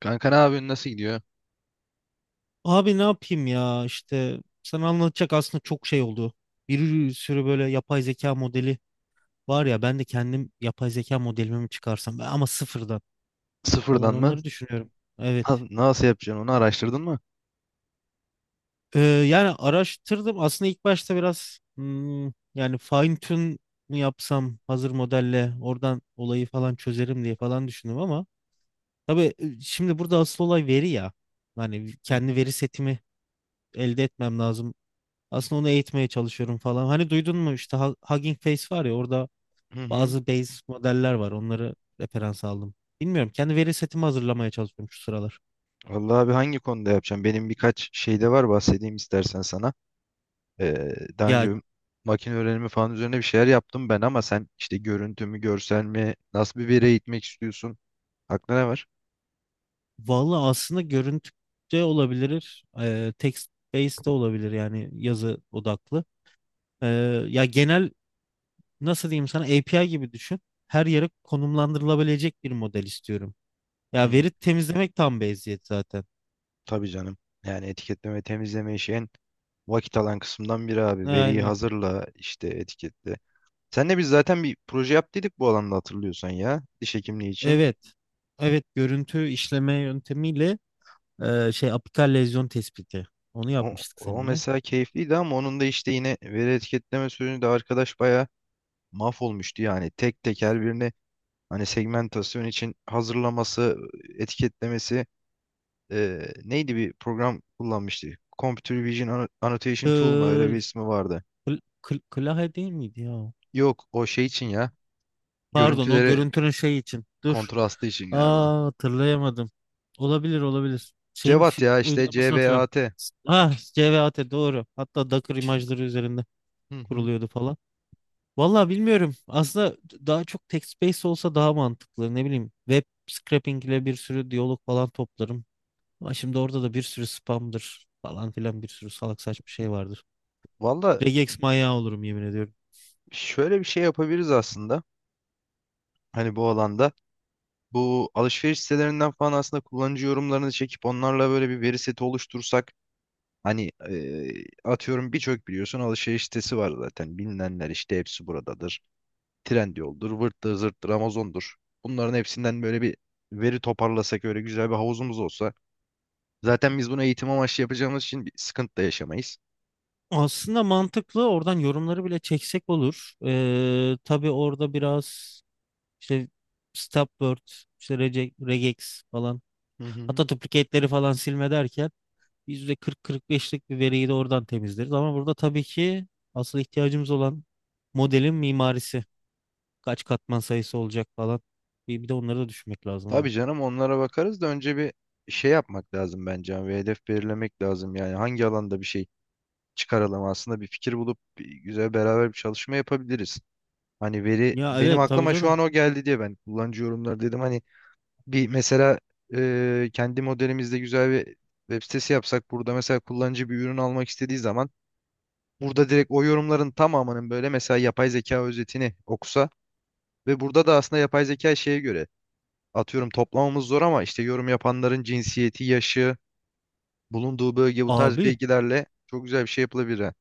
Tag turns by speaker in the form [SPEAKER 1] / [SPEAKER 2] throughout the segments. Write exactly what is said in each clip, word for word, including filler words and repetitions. [SPEAKER 1] Kanka ne yapıyorsun? Nasıl gidiyor?
[SPEAKER 2] Abi ne yapayım ya işte sana anlatacak aslında çok şey oldu. Bir sürü böyle yapay zeka modeli var ya, ben de kendim yapay zeka modelimi mi çıkarsam ben- ama sıfırdan. Alan
[SPEAKER 1] Sıfırdan mı?
[SPEAKER 2] onları düşünüyorum. Evet.
[SPEAKER 1] Na- Nasıl yapacaksın onu araştırdın mı?
[SPEAKER 2] Ee, yani araştırdım aslında. İlk başta biraz hmm, yani fine tune mu yapsam, hazır modelle oradan olayı falan çözerim diye falan düşündüm. Ama tabii e, şimdi burada asıl olay veri ya. Hani
[SPEAKER 1] Hı hı.
[SPEAKER 2] kendi veri setimi elde etmem lazım. Aslında onu eğitmeye çalışıyorum falan. Hani duydun mu işte Hu- Hugging Face var ya, orada
[SPEAKER 1] Hı hı.
[SPEAKER 2] bazı base modeller var. Onları referans aldım. Bilmiyorum. Kendi veri setimi hazırlamaya çalışıyorum şu sıralar.
[SPEAKER 1] Vallahi abi hangi konuda yapacağım? Benim birkaç şey de var bahsedeyim istersen sana. Ee, daha
[SPEAKER 2] Ya
[SPEAKER 1] önce makine öğrenimi falan üzerine bir şeyler yaptım ben ama sen işte görüntü mü, görsel mi, nasıl bir veri eğitmek istiyorsun? Aklına ne var?
[SPEAKER 2] vallahi aslında görüntü de olabilir. E, text based de olabilir, yani yazı odaklı. E, Ya genel, nasıl diyeyim sana, A P I gibi düşün. Her yere konumlandırılabilecek bir model istiyorum. Ya
[SPEAKER 1] Hı.
[SPEAKER 2] veri temizlemek tam bir eziyet zaten.
[SPEAKER 1] Tabii canım. Yani etiketleme, ve temizleme işi en vakit alan kısımdan biri abi. Veriyi
[SPEAKER 2] Aynen.
[SPEAKER 1] hazırla işte etiketle. Senle biz zaten bir proje yaptıydık bu alanda hatırlıyorsan ya. Diş hekimliği için.
[SPEAKER 2] Evet. Evet, görüntü işleme yöntemiyle e, şey, apikal lezyon tespiti. Onu
[SPEAKER 1] O,
[SPEAKER 2] yapmıştık
[SPEAKER 1] o
[SPEAKER 2] seninle.
[SPEAKER 1] mesela keyifliydi ama onun da işte yine veri etiketleme sürümünde arkadaş bayağı mahvolmuştu yani. Tek tek her birini hani segmentasyon için hazırlaması, etiketlemesi e, neydi bir program kullanmıştı. Computer Vision Anno- Annotation Tool mu öyle bir
[SPEAKER 2] Kıl,
[SPEAKER 1] ismi vardı.
[SPEAKER 2] kıl, kıl- kılahe değil miydi ya, o?
[SPEAKER 1] Yok o şey için ya.
[SPEAKER 2] Pardon, o
[SPEAKER 1] Görüntüleri
[SPEAKER 2] görüntünün şey için. Dur.
[SPEAKER 1] kontrastı için galiba.
[SPEAKER 2] Aa, hatırlayamadım. Olabilir, olabilir. Şeyin
[SPEAKER 1] Cevat
[SPEAKER 2] fi-
[SPEAKER 1] ya işte
[SPEAKER 2] uygulamasını hatırlıyorum.
[SPEAKER 1] CVAT.
[SPEAKER 2] Ha, C V A T, doğru. Hatta Docker imajları üzerinde
[SPEAKER 1] Hı hı.
[SPEAKER 2] kuruluyordu falan. Vallahi bilmiyorum. Aslında daha çok text based olsa daha mantıklı. Ne bileyim, web scraping ile bir sürü diyalog falan toplarım. Ama şimdi orada da bir sürü spamdır falan filan, bir sürü salak saçma şey vardır.
[SPEAKER 1] Valla
[SPEAKER 2] Regex manyağı olurum, yemin ediyorum.
[SPEAKER 1] şöyle bir şey yapabiliriz aslında. Hani bu alanda. Bu alışveriş sitelerinden falan aslında kullanıcı yorumlarını çekip onlarla böyle bir veri seti oluştursak hani eee, atıyorum birçok biliyorsun alışveriş sitesi var zaten bilinenler işte hepsi buradadır. Trendyol'dur, vırttır, zırttır, Amazon'dur. Bunların hepsinden böyle bir veri toparlasak öyle güzel bir havuzumuz olsa zaten biz bunu eğitim amaçlı yapacağımız için bir sıkıntı da yaşamayız.
[SPEAKER 2] Aslında mantıklı. Oradan yorumları bile çeksek olur. Ee, tabii orada biraz işte Stopword, işte Rege- Regex falan.
[SPEAKER 1] Hı hı.
[SPEAKER 2] Hatta duplikatleri falan silme derken yüzde kırk kırk beşlik bir veriyi de oradan temizleriz. Ama burada tabii ki asıl ihtiyacımız olan modelin mimarisi. Kaç katman sayısı olacak falan. Bir, bir de onları da düşünmek lazım
[SPEAKER 1] Tabii
[SPEAKER 2] abi.
[SPEAKER 1] canım onlara bakarız da önce bir şey yapmak lazım bence ve hedef belirlemek lazım yani hangi alanda bir şey çıkaralım aslında bir fikir bulup bir güzel beraber bir çalışma yapabiliriz. Hani veri
[SPEAKER 2] Ya
[SPEAKER 1] benim
[SPEAKER 2] evet, tabii
[SPEAKER 1] aklıma şu an
[SPEAKER 2] canım.
[SPEAKER 1] o geldi diye ben kullanıcı yorumları dedim. Hani bir mesela e, kendi modelimizde güzel bir web sitesi yapsak burada mesela kullanıcı bir ürün almak istediği zaman burada direkt o yorumların tamamının böyle mesela yapay zeka özetini okusa ve burada da aslında yapay zeka şeye göre atıyorum toplamamız zor ama işte yorum yapanların cinsiyeti, yaşı, bulunduğu bölge bu tarz
[SPEAKER 2] Abi,
[SPEAKER 1] bilgilerle çok güzel bir şey yapılabilir.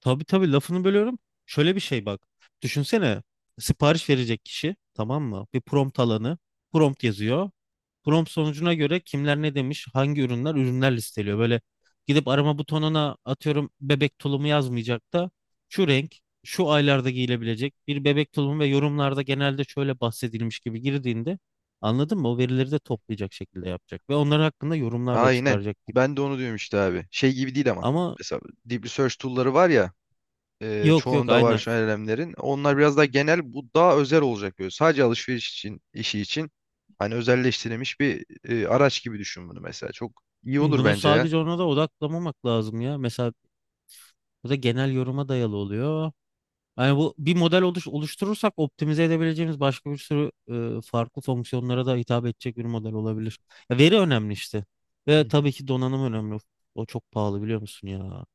[SPEAKER 2] tabii tabii, lafını bölüyorum. Şöyle bir şey bak. Düşünsene, sipariş verecek kişi, tamam mı? Bir prompt alanı. Prompt yazıyor. Prompt sonucuna göre kimler ne demiş, hangi ürünler ürünler listeliyor. Böyle gidip arama butonuna, atıyorum, bebek tulumu yazmayacak da şu renk, şu aylarda giyilebilecek bir bebek tulumu ve yorumlarda genelde şöyle bahsedilmiş gibi girdiğinde, anladın mı? O verileri de toplayacak şekilde yapacak ve onlar hakkında yorumlar da
[SPEAKER 1] Aynen.
[SPEAKER 2] çıkaracak gibi.
[SPEAKER 1] Ben de onu diyorum işte abi. Şey gibi değil ama.
[SPEAKER 2] Ama
[SPEAKER 1] Mesela Deep Research tool'ları var ya, e,
[SPEAKER 2] yok yok
[SPEAKER 1] çoğunda var
[SPEAKER 2] aynen.
[SPEAKER 1] şu an L L M'lerin. Onlar biraz daha genel. Bu daha özel olacak böyle. Sadece alışveriş için, işi için hani özelleştirilmiş bir e, araç gibi düşün bunu mesela. Çok iyi olur
[SPEAKER 2] Bunu
[SPEAKER 1] bence ya.
[SPEAKER 2] sadece ona da odaklamamak lazım ya. Mesela bu da genel yoruma dayalı oluyor. Yani bu bir model oluş, oluşturursak optimize edebileceğimiz başka bir sürü e, farklı fonksiyonlara da hitap edecek bir model olabilir. Ya veri önemli işte.
[SPEAKER 1] Hı
[SPEAKER 2] Ve tabii
[SPEAKER 1] hı.
[SPEAKER 2] ki donanım önemli. O çok pahalı, biliyor musun ya?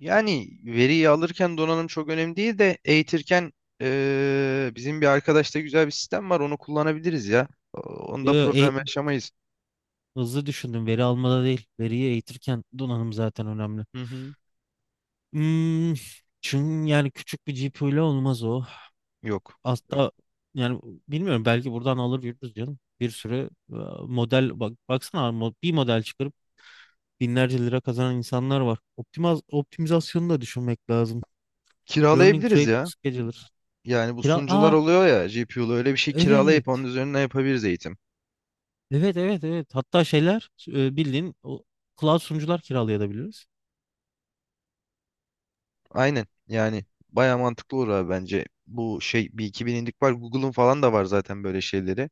[SPEAKER 1] Yani veriyi alırken donanım çok önemli değil de eğitirken e, bizim bir arkadaşta güzel bir sistem var. Onu kullanabiliriz ya. O-
[SPEAKER 2] Yo,
[SPEAKER 1] Onda
[SPEAKER 2] yo, e,
[SPEAKER 1] problem yaşamayız.
[SPEAKER 2] Hızlı düşündüm. Veri almada değil. Veriyi eğitirken donanım zaten önemli.
[SPEAKER 1] Hı hı.
[SPEAKER 2] Hmm, Çünkü yani küçük bir G P U ile olmaz o.
[SPEAKER 1] Yok. Yok.
[SPEAKER 2] Hatta yani bilmiyorum, belki buradan alır yürürüz canım. Bir sürü e, model, bak baksana abi, mo- bir model çıkarıp binlerce lira kazanan insanlar var. Optimaz optimizasyonu da düşünmek lazım. Learning
[SPEAKER 1] Kiralayabiliriz
[SPEAKER 2] rate
[SPEAKER 1] ya.
[SPEAKER 2] scheduler.
[SPEAKER 1] Yani bu
[SPEAKER 2] Kira,
[SPEAKER 1] sunucular
[SPEAKER 2] aa,
[SPEAKER 1] oluyor ya G P U'lu öyle bir şey kiralayıp onun
[SPEAKER 2] evet
[SPEAKER 1] üzerinden yapabiliriz eğitim.
[SPEAKER 2] Evet evet evet Hatta şeyler, e, bildiğin o cloud sunucular kiralayabiliriz.
[SPEAKER 1] Aynen yani baya mantıklı olur abi bence. Bu şey bir iki binlik var, Google'un falan da var zaten böyle şeyleri.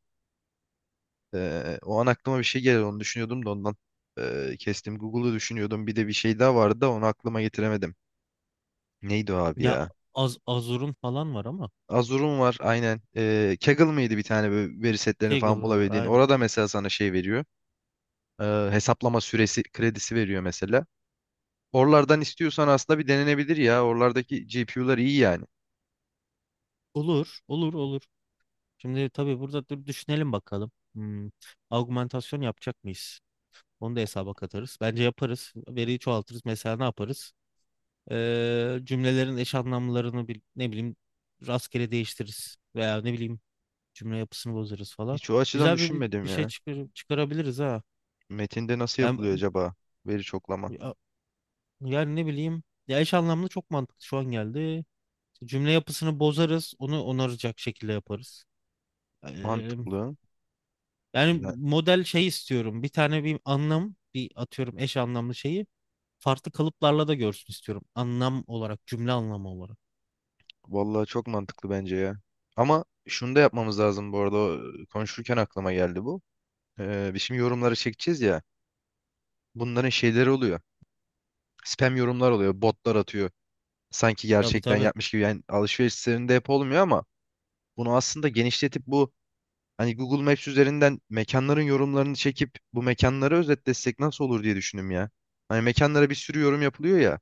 [SPEAKER 1] Ee, o an aklıma bir şey gelir onu düşünüyordum da ondan ee, kestim. Google'u düşünüyordum bir de bir şey daha vardı da onu aklıma getiremedim. Neydi o abi
[SPEAKER 2] Ya
[SPEAKER 1] ya?
[SPEAKER 2] Az Azur'un falan var ama
[SPEAKER 1] Azure'un var aynen. Ee, Kaggle mıydı bir tane böyle veri setlerini falan
[SPEAKER 2] Kaggle var
[SPEAKER 1] bulabildiğin.
[SPEAKER 2] aynen.
[SPEAKER 1] Orada mesela sana şey veriyor. Ee, hesaplama süresi kredisi veriyor mesela. Oralardan istiyorsan aslında bir denenebilir ya. Oralardaki G P U'lar iyi yani.
[SPEAKER 2] Olur, olur, olur. Şimdi tabii burada dur, düşünelim bakalım. Hmm, Augmentasyon yapacak mıyız? Onu da hesaba katarız. Bence yaparız. Veriyi çoğaltırız. Mesela ne yaparız? Ee, cümlelerin eş anlamlarını bil- ne bileyim, rastgele değiştiririz. Veya ne bileyim, cümle yapısını bozarız falan.
[SPEAKER 1] Hiç o açıdan
[SPEAKER 2] Güzel bir, bir
[SPEAKER 1] düşünmedim
[SPEAKER 2] şey
[SPEAKER 1] ya.
[SPEAKER 2] çıkar- çıkarabiliriz ha.
[SPEAKER 1] Metinde nasıl
[SPEAKER 2] Yani,
[SPEAKER 1] yapılıyor acaba veri çoklama?
[SPEAKER 2] ya- Yani ne bileyim. Ya eş anlamlı çok mantıklı şu an geldi. Cümle yapısını bozarız. Onu onaracak şekilde yaparız. Ee,
[SPEAKER 1] Mantıklı.
[SPEAKER 2] Yani
[SPEAKER 1] Ya,
[SPEAKER 2] model şey istiyorum. Bir tane bir anlam, bir atıyorum eş anlamlı şeyi. Farklı kalıplarla da görsün istiyorum. Anlam olarak, cümle anlamı olarak.
[SPEAKER 1] vallahi çok mantıklı bence ya. Ama şunu da yapmamız lazım bu arada. o- Konuşurken aklıma geldi bu. Ee, biz şimdi yorumları çekeceğiz ya. Bunların şeyleri oluyor. Spam yorumlar oluyor. Botlar atıyor. Sanki
[SPEAKER 2] Tabii,
[SPEAKER 1] gerçekten
[SPEAKER 2] tabii.
[SPEAKER 1] yapmış gibi. Yani alışveriş sitelerinde hep olmuyor ama bunu aslında genişletip bu hani Google Maps üzerinden mekanların yorumlarını çekip bu mekanları özetlesek nasıl olur diye düşündüm ya. Hani mekanlara bir sürü yorum yapılıyor ya.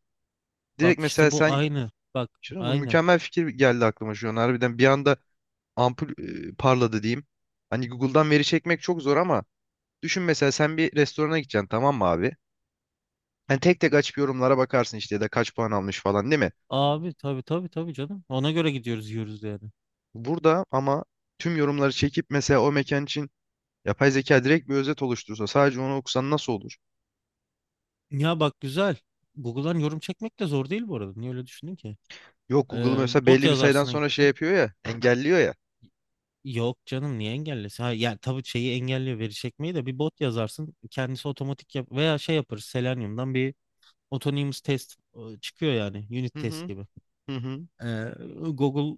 [SPEAKER 1] Direkt
[SPEAKER 2] Bak
[SPEAKER 1] mesela
[SPEAKER 2] işte bu
[SPEAKER 1] sen
[SPEAKER 2] aynı. Bak,
[SPEAKER 1] şuna, bu
[SPEAKER 2] aynen.
[SPEAKER 1] mükemmel fikir geldi aklıma şu an. Harbiden bir anda ampul e, parladı diyeyim. Hani Google'dan veri çekmek çok zor ama düşün mesela sen bir restorana gideceksin, tamam mı abi? Hani tek tek açıp yorumlara bakarsın işte ya da kaç puan almış falan, değil mi?
[SPEAKER 2] Abi tabii tabii tabii canım. Ona göre gidiyoruz, yiyoruz yani.
[SPEAKER 1] Burada ama tüm yorumları çekip mesela o mekan için yapay zeka direkt bir özet oluştursa sadece onu okusan nasıl olur?
[SPEAKER 2] Ya bak, güzel. Google'dan yorum çekmek de zor değil bu arada. Niye öyle düşündün ki?
[SPEAKER 1] Yok
[SPEAKER 2] Ee,
[SPEAKER 1] Google mesela
[SPEAKER 2] bot
[SPEAKER 1] belli bir sayıdan
[SPEAKER 2] yazarsın en
[SPEAKER 1] sonra şey
[SPEAKER 2] kötü.
[SPEAKER 1] yapıyor ya, engelliyor ya.
[SPEAKER 2] Yok canım, niye engellesin? Ha, yani tabii şeyi engelliyor, veri çekmeyi de bir bot yazarsın. Kendisi otomatik yap veya şey yapar, Selenium'dan bir autonomous test e, çıkıyor yani, unit
[SPEAKER 1] Hı
[SPEAKER 2] test
[SPEAKER 1] hı,
[SPEAKER 2] gibi.
[SPEAKER 1] hı hı.
[SPEAKER 2] Ee, Google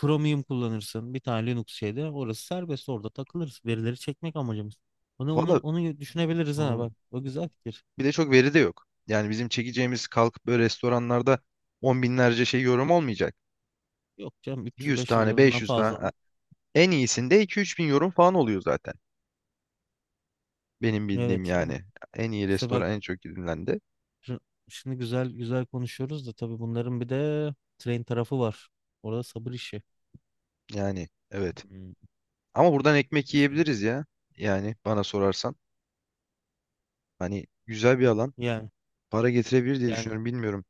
[SPEAKER 2] Chromium kullanırsın. Bir tane Linux şeyde. Orası serbest. Orada takılırız. Verileri çekmek amacımız. Onu, onu,
[SPEAKER 1] Valla
[SPEAKER 2] onu düşünebiliriz ha
[SPEAKER 1] doğru.
[SPEAKER 2] bak. O güzel fikir.
[SPEAKER 1] Bir de çok veri de yok. Yani bizim çekeceğimiz kalkıp böyle restoranlarda on binlerce şey yorum olmayacak.
[SPEAKER 2] Yok canım,
[SPEAKER 1] Yüz
[SPEAKER 2] üç yüz beş yüz
[SPEAKER 1] tane,
[SPEAKER 2] yorumdan
[SPEAKER 1] beş yüz
[SPEAKER 2] fazla
[SPEAKER 1] tane. Ha,
[SPEAKER 2] alın.
[SPEAKER 1] en iyisinde iki üç bin yorum falan oluyor zaten. Benim bildiğim
[SPEAKER 2] Evet ama
[SPEAKER 1] yani. En iyi
[SPEAKER 2] işte bak,
[SPEAKER 1] restoran en çok gidilendi.
[SPEAKER 2] şu- şimdi güzel güzel konuşuyoruz da tabii bunların bir de train tarafı var. Orada sabır işi.
[SPEAKER 1] Yani evet.
[SPEAKER 2] Hmm,
[SPEAKER 1] Ama buradan ekmek
[SPEAKER 2] Kesin.
[SPEAKER 1] yiyebiliriz ya. Yani bana sorarsan. Hani güzel bir alan.
[SPEAKER 2] Yani
[SPEAKER 1] Para getirebilir diye
[SPEAKER 2] yani
[SPEAKER 1] düşünüyorum. Bilmiyorum.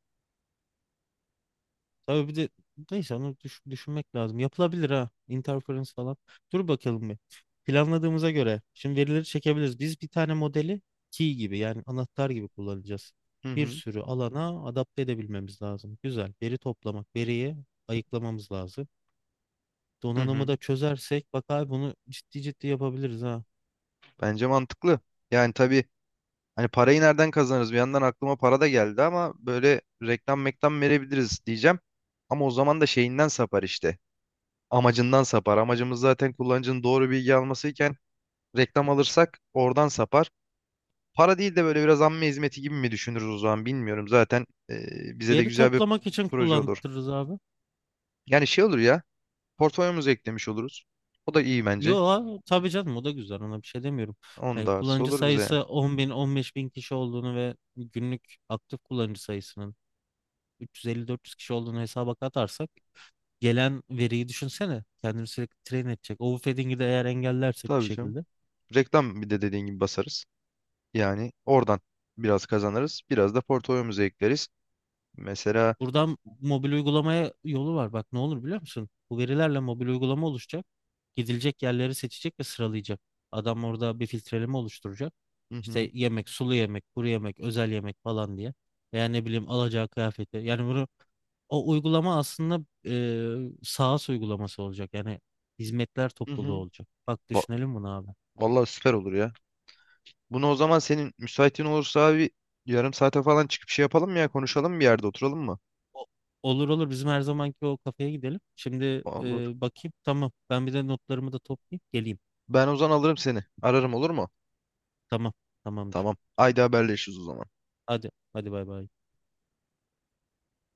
[SPEAKER 2] Tabii bir de neyse onu düş- düşünmek lazım. Yapılabilir ha. Interference falan. Dur bakalım bir. Planladığımıza göre şimdi verileri çekebiliriz. Biz bir tane modeli key gibi, yani anahtar gibi kullanacağız.
[SPEAKER 1] Hı
[SPEAKER 2] Bir
[SPEAKER 1] hı.
[SPEAKER 2] sürü alana adapte edebilmemiz lazım. Güzel. Veri toplamak, veriyi ayıklamamız lazım.
[SPEAKER 1] Hı
[SPEAKER 2] Donanımı
[SPEAKER 1] hı.
[SPEAKER 2] da çözersek bak abi, bunu ciddi ciddi yapabiliriz ha.
[SPEAKER 1] Bence mantıklı. Yani tabii, hani parayı nereden kazanırız? Bir yandan aklıma para da geldi ama böyle reklam meklam verebiliriz diyeceğim. Ama o zaman da şeyinden sapar işte. Amacından sapar. Amacımız zaten kullanıcının doğru bilgi almasıyken reklam alırsak oradan sapar. Para değil de böyle biraz amme hizmeti gibi mi düşünürüz o zaman bilmiyorum. Zaten e, bize de
[SPEAKER 2] Veri
[SPEAKER 1] güzel bir
[SPEAKER 2] toplamak için
[SPEAKER 1] proje olur.
[SPEAKER 2] kullandırırız abi.
[SPEAKER 1] Yani şey olur ya, portfolyomuza eklemiş oluruz. O da iyi bence.
[SPEAKER 2] Yo tabii canım, o da güzel, ona bir şey demiyorum.
[SPEAKER 1] Onun
[SPEAKER 2] Yani
[SPEAKER 1] da artısı
[SPEAKER 2] kullanıcı
[SPEAKER 1] olur bize yani.
[SPEAKER 2] sayısı on bin on beş bin kişi olduğunu ve günlük aktif kullanıcı sayısının üç yüz elli dört yüz kişi olduğunu hesaba katarsak gelen veriyi düşünsene. Kendini sürekli train edecek. Overfitting'i de eğer engellersek bir
[SPEAKER 1] Tabii canım.
[SPEAKER 2] şekilde.
[SPEAKER 1] Reklam bir de dediğin gibi basarız. Yani oradan biraz kazanırız. Biraz da portfolyomuza ekleriz. Mesela
[SPEAKER 2] Buradan mobil uygulamaya yolu var. Bak ne olur biliyor musun? Bu verilerle mobil uygulama oluşacak. Gidilecek yerleri seçecek ve sıralayacak. Adam orada bir filtreleme oluşturacak.
[SPEAKER 1] hı hı,
[SPEAKER 2] İşte yemek, sulu yemek, kuru yemek, özel yemek falan diye. Veya ne bileyim, alacağı kıyafeti. Yani bunu, o uygulama aslında e, SaaS uygulaması olacak. Yani hizmetler
[SPEAKER 1] hı
[SPEAKER 2] topluluğu
[SPEAKER 1] hı.
[SPEAKER 2] olacak. Bak
[SPEAKER 1] Va-
[SPEAKER 2] düşünelim bunu abi.
[SPEAKER 1] Vallahi süper olur ya. Bunu o zaman senin müsaitin olursa abi yarım saate falan çıkıp şey yapalım mı ya, konuşalım bir yerde oturalım mı?
[SPEAKER 2] O- Olur olur, bizim her zamanki o kafeye gidelim. Şimdi
[SPEAKER 1] Olur.
[SPEAKER 2] e, bakayım, tamam, ben bir de notlarımı da toplayayım geleyim.
[SPEAKER 1] Ben o zaman alırım seni. Ararım, olur mu?
[SPEAKER 2] Tamam. Tamamdır.
[SPEAKER 1] Tamam. Haydi haberleşiriz o zaman.
[SPEAKER 2] Hadi. Hadi bay bay.